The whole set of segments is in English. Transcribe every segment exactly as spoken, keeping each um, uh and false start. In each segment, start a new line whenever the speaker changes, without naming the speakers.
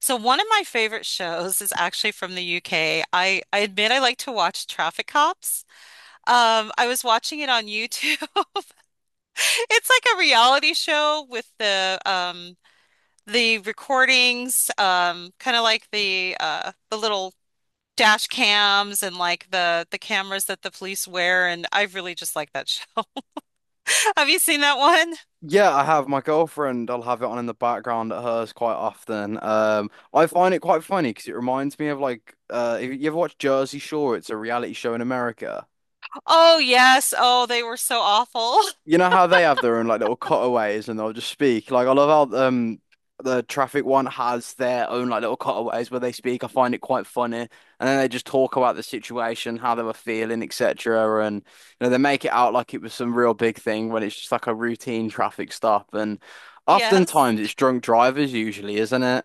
So one of my favorite shows is actually from the U K. I, I admit I like to watch Traffic Cops. Um, I was watching it on YouTube. It's like a reality show with the um the recordings, um, kind of like the uh the little dash cams and like the the cameras that the police wear, and I really just like that show. Have you seen that one?
Yeah, I have my girlfriend. I'll have it on in the background at hers quite often. Um, I find it quite funny because it reminds me of like, uh, if you ever watch Jersey Shore, it's a reality show in America.
Oh yes. Oh, they were so awful.
You know how they have their own like little cutaways and they'll just speak. Like I love how um the traffic one has their own like little cutaways where they speak. I find it quite funny. And then they just talk about the situation, how they were feeling, et cetera. And you know, they make it out like it was some real big thing when it's just like a routine traffic stop. And
Yes.
oftentimes it's drunk drivers usually, isn't it?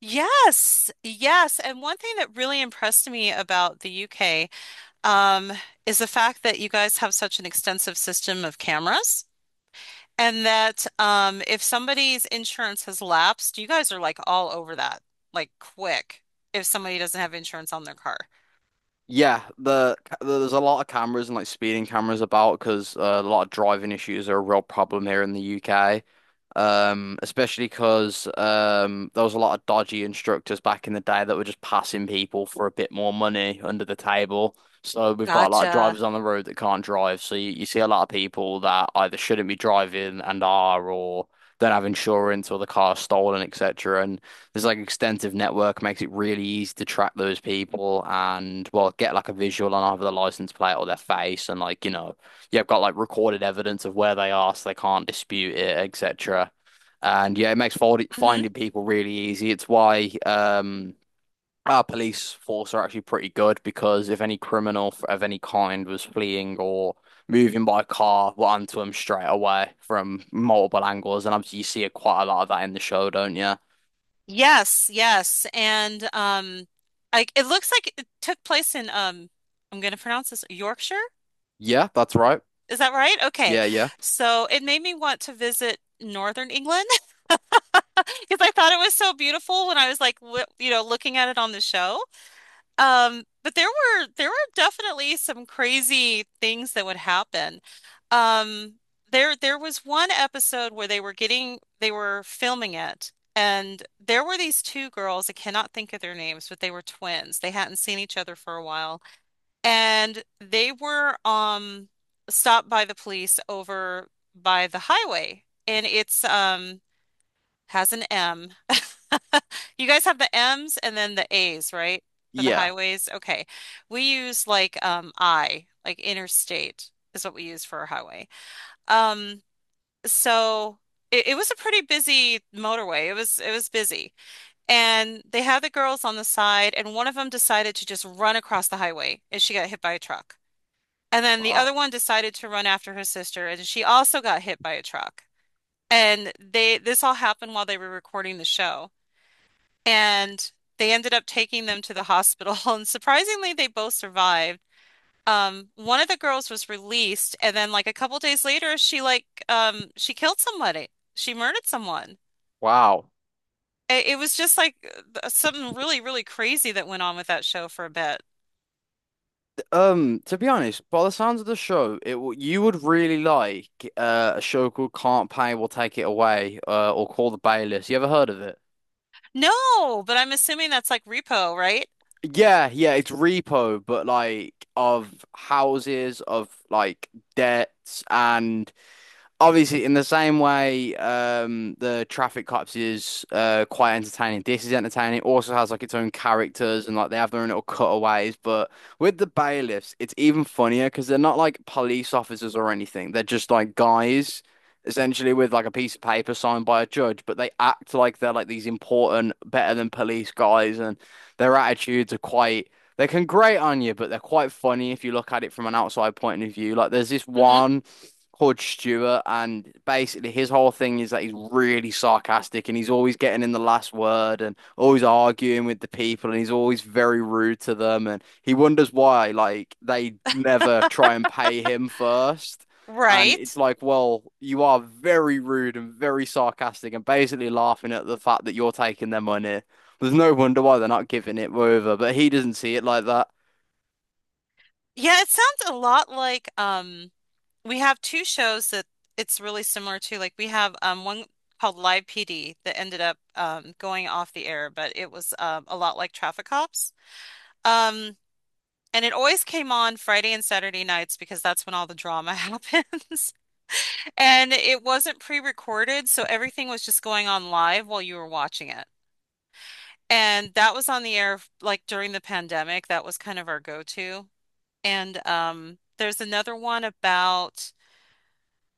Yes, yes. And one thing that really impressed me about the U K, um, is the fact that you guys have such an extensive system of cameras, and that um, if somebody's insurance has lapsed, you guys are like all over that, like quick, if somebody doesn't have insurance on their car.
Yeah, the there's a lot of cameras and like speeding cameras about because uh, a lot of driving issues are a real problem here in the U K. Um, especially because um, there was a lot of dodgy instructors back in the day that were just passing people for a bit more money under the table. So we've got a lot of
Gotcha.
drivers on the road that can't drive. So you, you see a lot of people that either shouldn't be driving and are, or don't have insurance, or the car's stolen, et cetera. And there's like extensive network makes it really easy to track those people and well get like a visual on either the license plate or their face and like you know you've got like recorded evidence of where they are so they can't dispute it et cetera. And yeah, it makes fold
Hmm.
finding people really easy. It's why um our police force are actually pretty good because if any criminal f- of any kind was fleeing or moving by car, we're onto them straight away from multiple angles. And obviously you see it quite a lot of that in the show, don't you?
Yes, yes. And um, like it looks like it took place in um, I'm going to pronounce this Yorkshire.
Yeah, that's right.
Is that right? Okay.
Yeah, yeah.
So it made me want to visit Northern England because I thought it was so beautiful when I was like, w you know, looking at it on the show. Um, but there were there were definitely some crazy things that would happen. Um, there there was one episode where they were getting they were filming it, and there were these two girls. I cannot think of their names, but they were twins. They hadn't seen each other for a while. And they were um stopped by the police over by the highway. And it's um has an M. You guys have the M's and then the A's, right? For the
Yeah.
highways. Okay. We use like um I, like interstate is what we use for a highway. Um so it, it was a pretty busy motorway. It was it was busy. And they had the girls on the side and one of them decided to just run across the highway and she got hit by a truck. And then the
Wow.
other one decided to run after her sister, and she also got hit by a truck. And they this all happened while they were recording the show. And they ended up taking them to the hospital, and surprisingly, they both survived. Um, one of the girls was released, and then like a couple days later, she like um she killed somebody. She murdered someone.
Wow.
It, it was just like uh, something really, really crazy that went on with that show for a bit.
Um, to be honest, by the sounds of the show, it w- you would really like uh, a show called Can't Pay Will Take It Away, uh, or Call the Bailiffs. You ever heard of it?
No, but I'm assuming that's like Repo, right?
Yeah, yeah, it's repo, but like of houses, of like debts and obviously in the same way um the Traffic Cops is uh quite entertaining. This is entertaining. It also has like its own characters and like they have their own little cutaways, but with the bailiffs it's even funnier because they're not like police officers or anything. They're just like guys essentially with like a piece of paper signed by a judge, but they act like they're like these important better than police guys, and their attitudes are quite, they can grate on you, but they're quite funny if you look at it from an outside point of view. Like there's this
Hmm.
one Hod Stewart, and basically his whole thing is that he's really sarcastic and he's always getting in the last word and always arguing with the people and he's always very rude to them and he wonders why like they never try and pay him first. And it's
Right.
like, well, you are very rude and very sarcastic and basically laughing at the fact that you're taking their money. There's no wonder why they're not giving it over, but he doesn't see it like that.
Yeah, it sounds a lot like um we have two shows that it's really similar to. Like we have um one called Live P D that ended up um going off the air, but it was um a lot like Traffic Cops. Um and it always came on Friday and Saturday nights because that's when all the drama happens. And it wasn't pre-recorded, so everything was just going on live while you were watching it. And that was on the air like during the pandemic. That was kind of our go-to. And um, there's another one about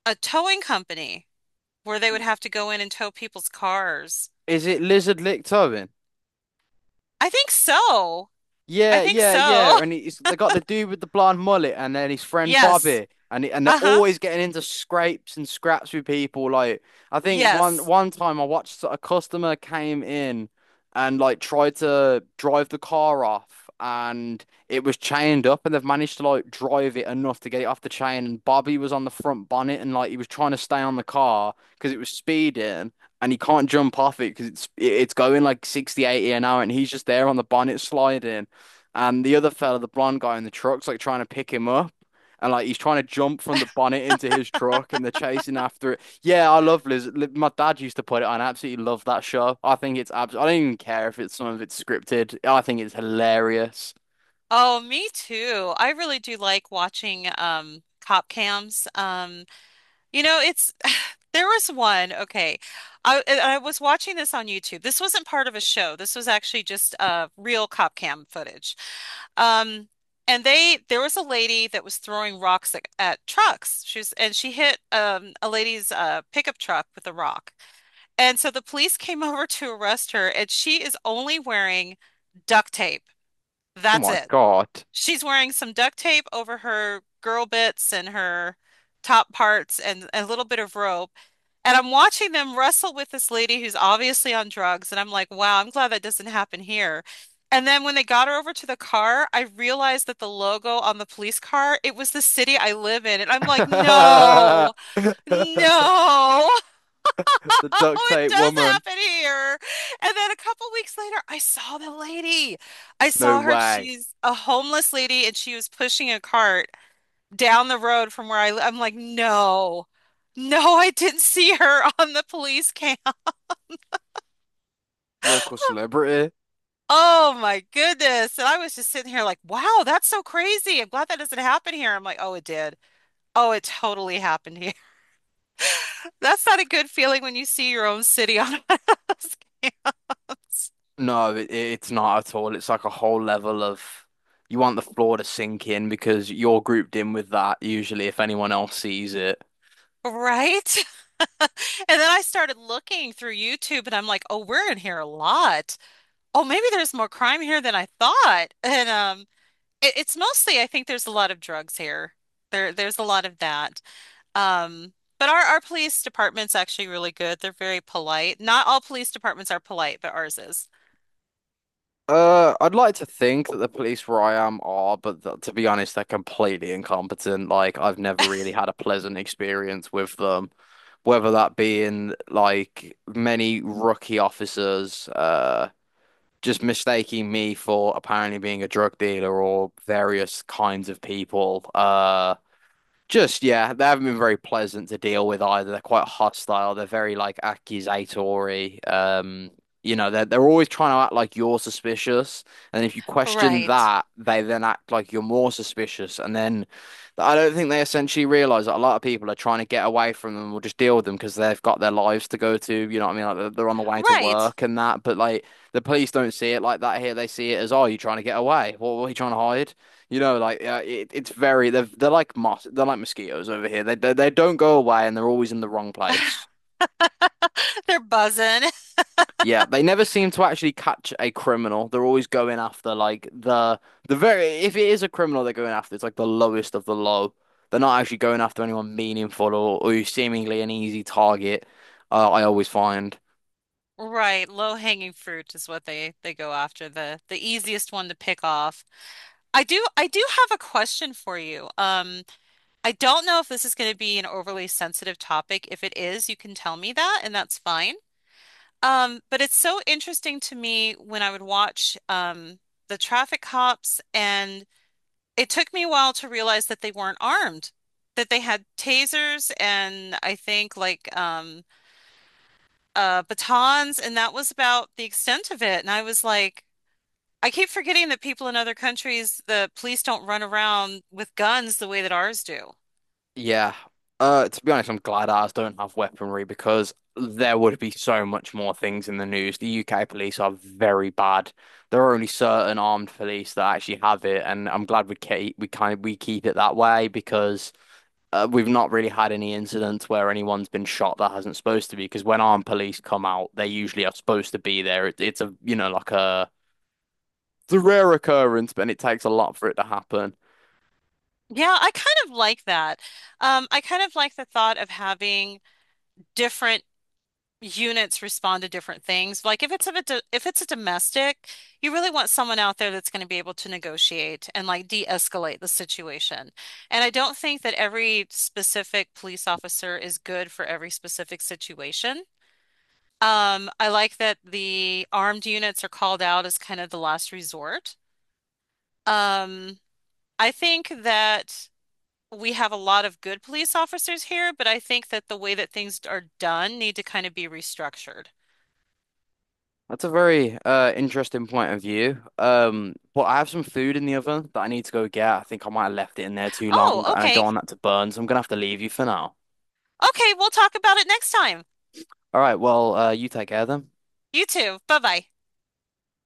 a towing company where they would have to go in and tow people's cars.
Is it Lizard Licked Tobin?
I think so. I
Yeah,
think
yeah,
so.
yeah. And it's they got the dude with the blonde mullet and then his friend
Yes.
Bobby. And it, and they're
Uh-huh.
always getting into scrapes and scraps with people. Like I think one
Yes.
one time I watched a customer came in and like tried to drive the car off and it was chained up and they've managed to like drive it enough to get it off the chain and Bobby was on the front bonnet and like he was trying to stay on the car because it was speeding and he can't jump off it because it's it's going like sixty, eighty an hour and he's just there on the bonnet sliding and the other fella, the blonde guy in the truck's like trying to pick him up. And like he's trying to jump from the bonnet into his truck, and they're chasing after it. Yeah, I love Liz. My dad used to put it on. I absolutely love that show. I think it's abs. I don't even care if it's some of it's scripted. I think it's hilarious.
Oh, me too. I really do like watching um cop cams. Um You know, it's there was one. Okay. I and I was watching this on YouTube. This wasn't part of a show. This was actually just uh real cop cam footage. Um and they there was a lady that was throwing rocks at, at trucks. She was and she hit um a lady's uh pickup truck with a rock. And so the police came over to arrest her and she is only wearing duct tape.
Oh
That's
my
it.
God.
She's wearing some duct tape over her girl bits and her top parts and a little bit of rope and I'm watching them wrestle with this lady who's obviously on drugs. And I'm like, wow, I'm glad that doesn't happen here. And then when they got her over to the car, I realized that the logo on the police car, it was the city I live in. And I'm like, no, no,
The duct
it
tape
does
woman.
happen here. And then a couple weeks later, I saw the lady. I
No
saw her.
way.
She's a homeless lady and she was pushing a cart down the road from where I live. I'm like, no, no, I didn't see her on the police cam.
Local celebrity.
Oh my goodness. And I was just sitting here like, wow, that's so crazy. I'm glad that doesn't happen here. I'm like, oh, it did. Oh, it totally happened here. That's not a good feeling when you see your own city on one of those cams.
No, it, it's not at all. It's like a whole level of you want the floor to sink in because you're grouped in with that usually if anyone else sees it.
Right? And then I started looking through YouTube and I'm like, oh, we're in here a lot. Oh, maybe there's more crime here than I thought. And um It, it's mostly, I think there's a lot of drugs here. There, there's a lot of that. Um, but our, our police department's actually really good. They're very polite. Not all police departments are polite, but ours is.
Uh, I'd like to think that the police where I am are, but th to be honest, they're completely incompetent. Like, I've never really had a pleasant experience with them, whether that being like many rookie officers uh just mistaking me for apparently being a drug dealer or various kinds of people uh just yeah, they haven't been very pleasant to deal with either. They're quite hostile. They're very like accusatory. Um, you know, they're they're always trying to act like you're suspicious, and if you question
Right.
that, they then act like you're more suspicious. And then I don't think they essentially realize that a lot of people are trying to get away from them or just deal with them because they've got their lives to go to. You know what I mean? Like they're they're on the way to
Right.
work and that. But like the police don't see it like that here. They see it as, oh, you trying to get away? What, what are you trying to hide? You know, like uh, it, it's very they're they're like mos they're like mosquitoes over here. They, they they don't go away, and they're always in the wrong place.
They're buzzing.
Yeah, they never seem to actually catch a criminal. They're always going after like the the very if it is a criminal they're going after, it's like the lowest of the low. They're not actually going after anyone meaningful, or, or who's seemingly an easy target. Uh, I always find.
Right. Low hanging fruit is what they they go after. The the easiest one to pick off. I do I do have a question for you. Um, I don't know if this is going to be an overly sensitive topic. If it is, you can tell me that, and that's fine. Um, but it's so interesting to me when I would watch um, the traffic cops, and it took me a while to realize that they weren't armed, that they had tasers and I think like um, uh, batons, and that was about the extent of it. And I was like, I keep forgetting that people in other countries, the police don't run around with guns the way that ours do.
Yeah. Uh, to be honest, I'm glad ours don't have weaponry because there would be so much more things in the news. The U K police are very bad. There are only certain armed police that actually have it, and I'm glad we keep we kind of we keep it that way because uh, we've not really had any incidents where anyone's been shot that hasn't supposed to be. Because when armed police come out, they usually are supposed to be there. It, it's a you know like a it's a rare occurrence, but it takes a lot for it to happen.
Yeah, I kind of like that. Um, I kind of like the thought of having different units respond to different things. Like if it's if it's a if it's a domestic, you really want someone out there that's going to be able to negotiate and like de-escalate the situation. And I don't think that every specific police officer is good for every specific situation. Um, I like that the armed units are called out as kind of the last resort. Um, I think that we have a lot of good police officers here, but I think that the way that things are done need to kind of be restructured.
That's a very uh interesting point of view. Um, but I have some food in the oven that I need to go get. I think I might have left it in there too long, and
Oh,
I don't
okay.
want that to burn, so I'm gonna have to leave you for now.
Okay, we'll talk about it next time.
All right, well, uh, you take care then.
You too. Bye bye.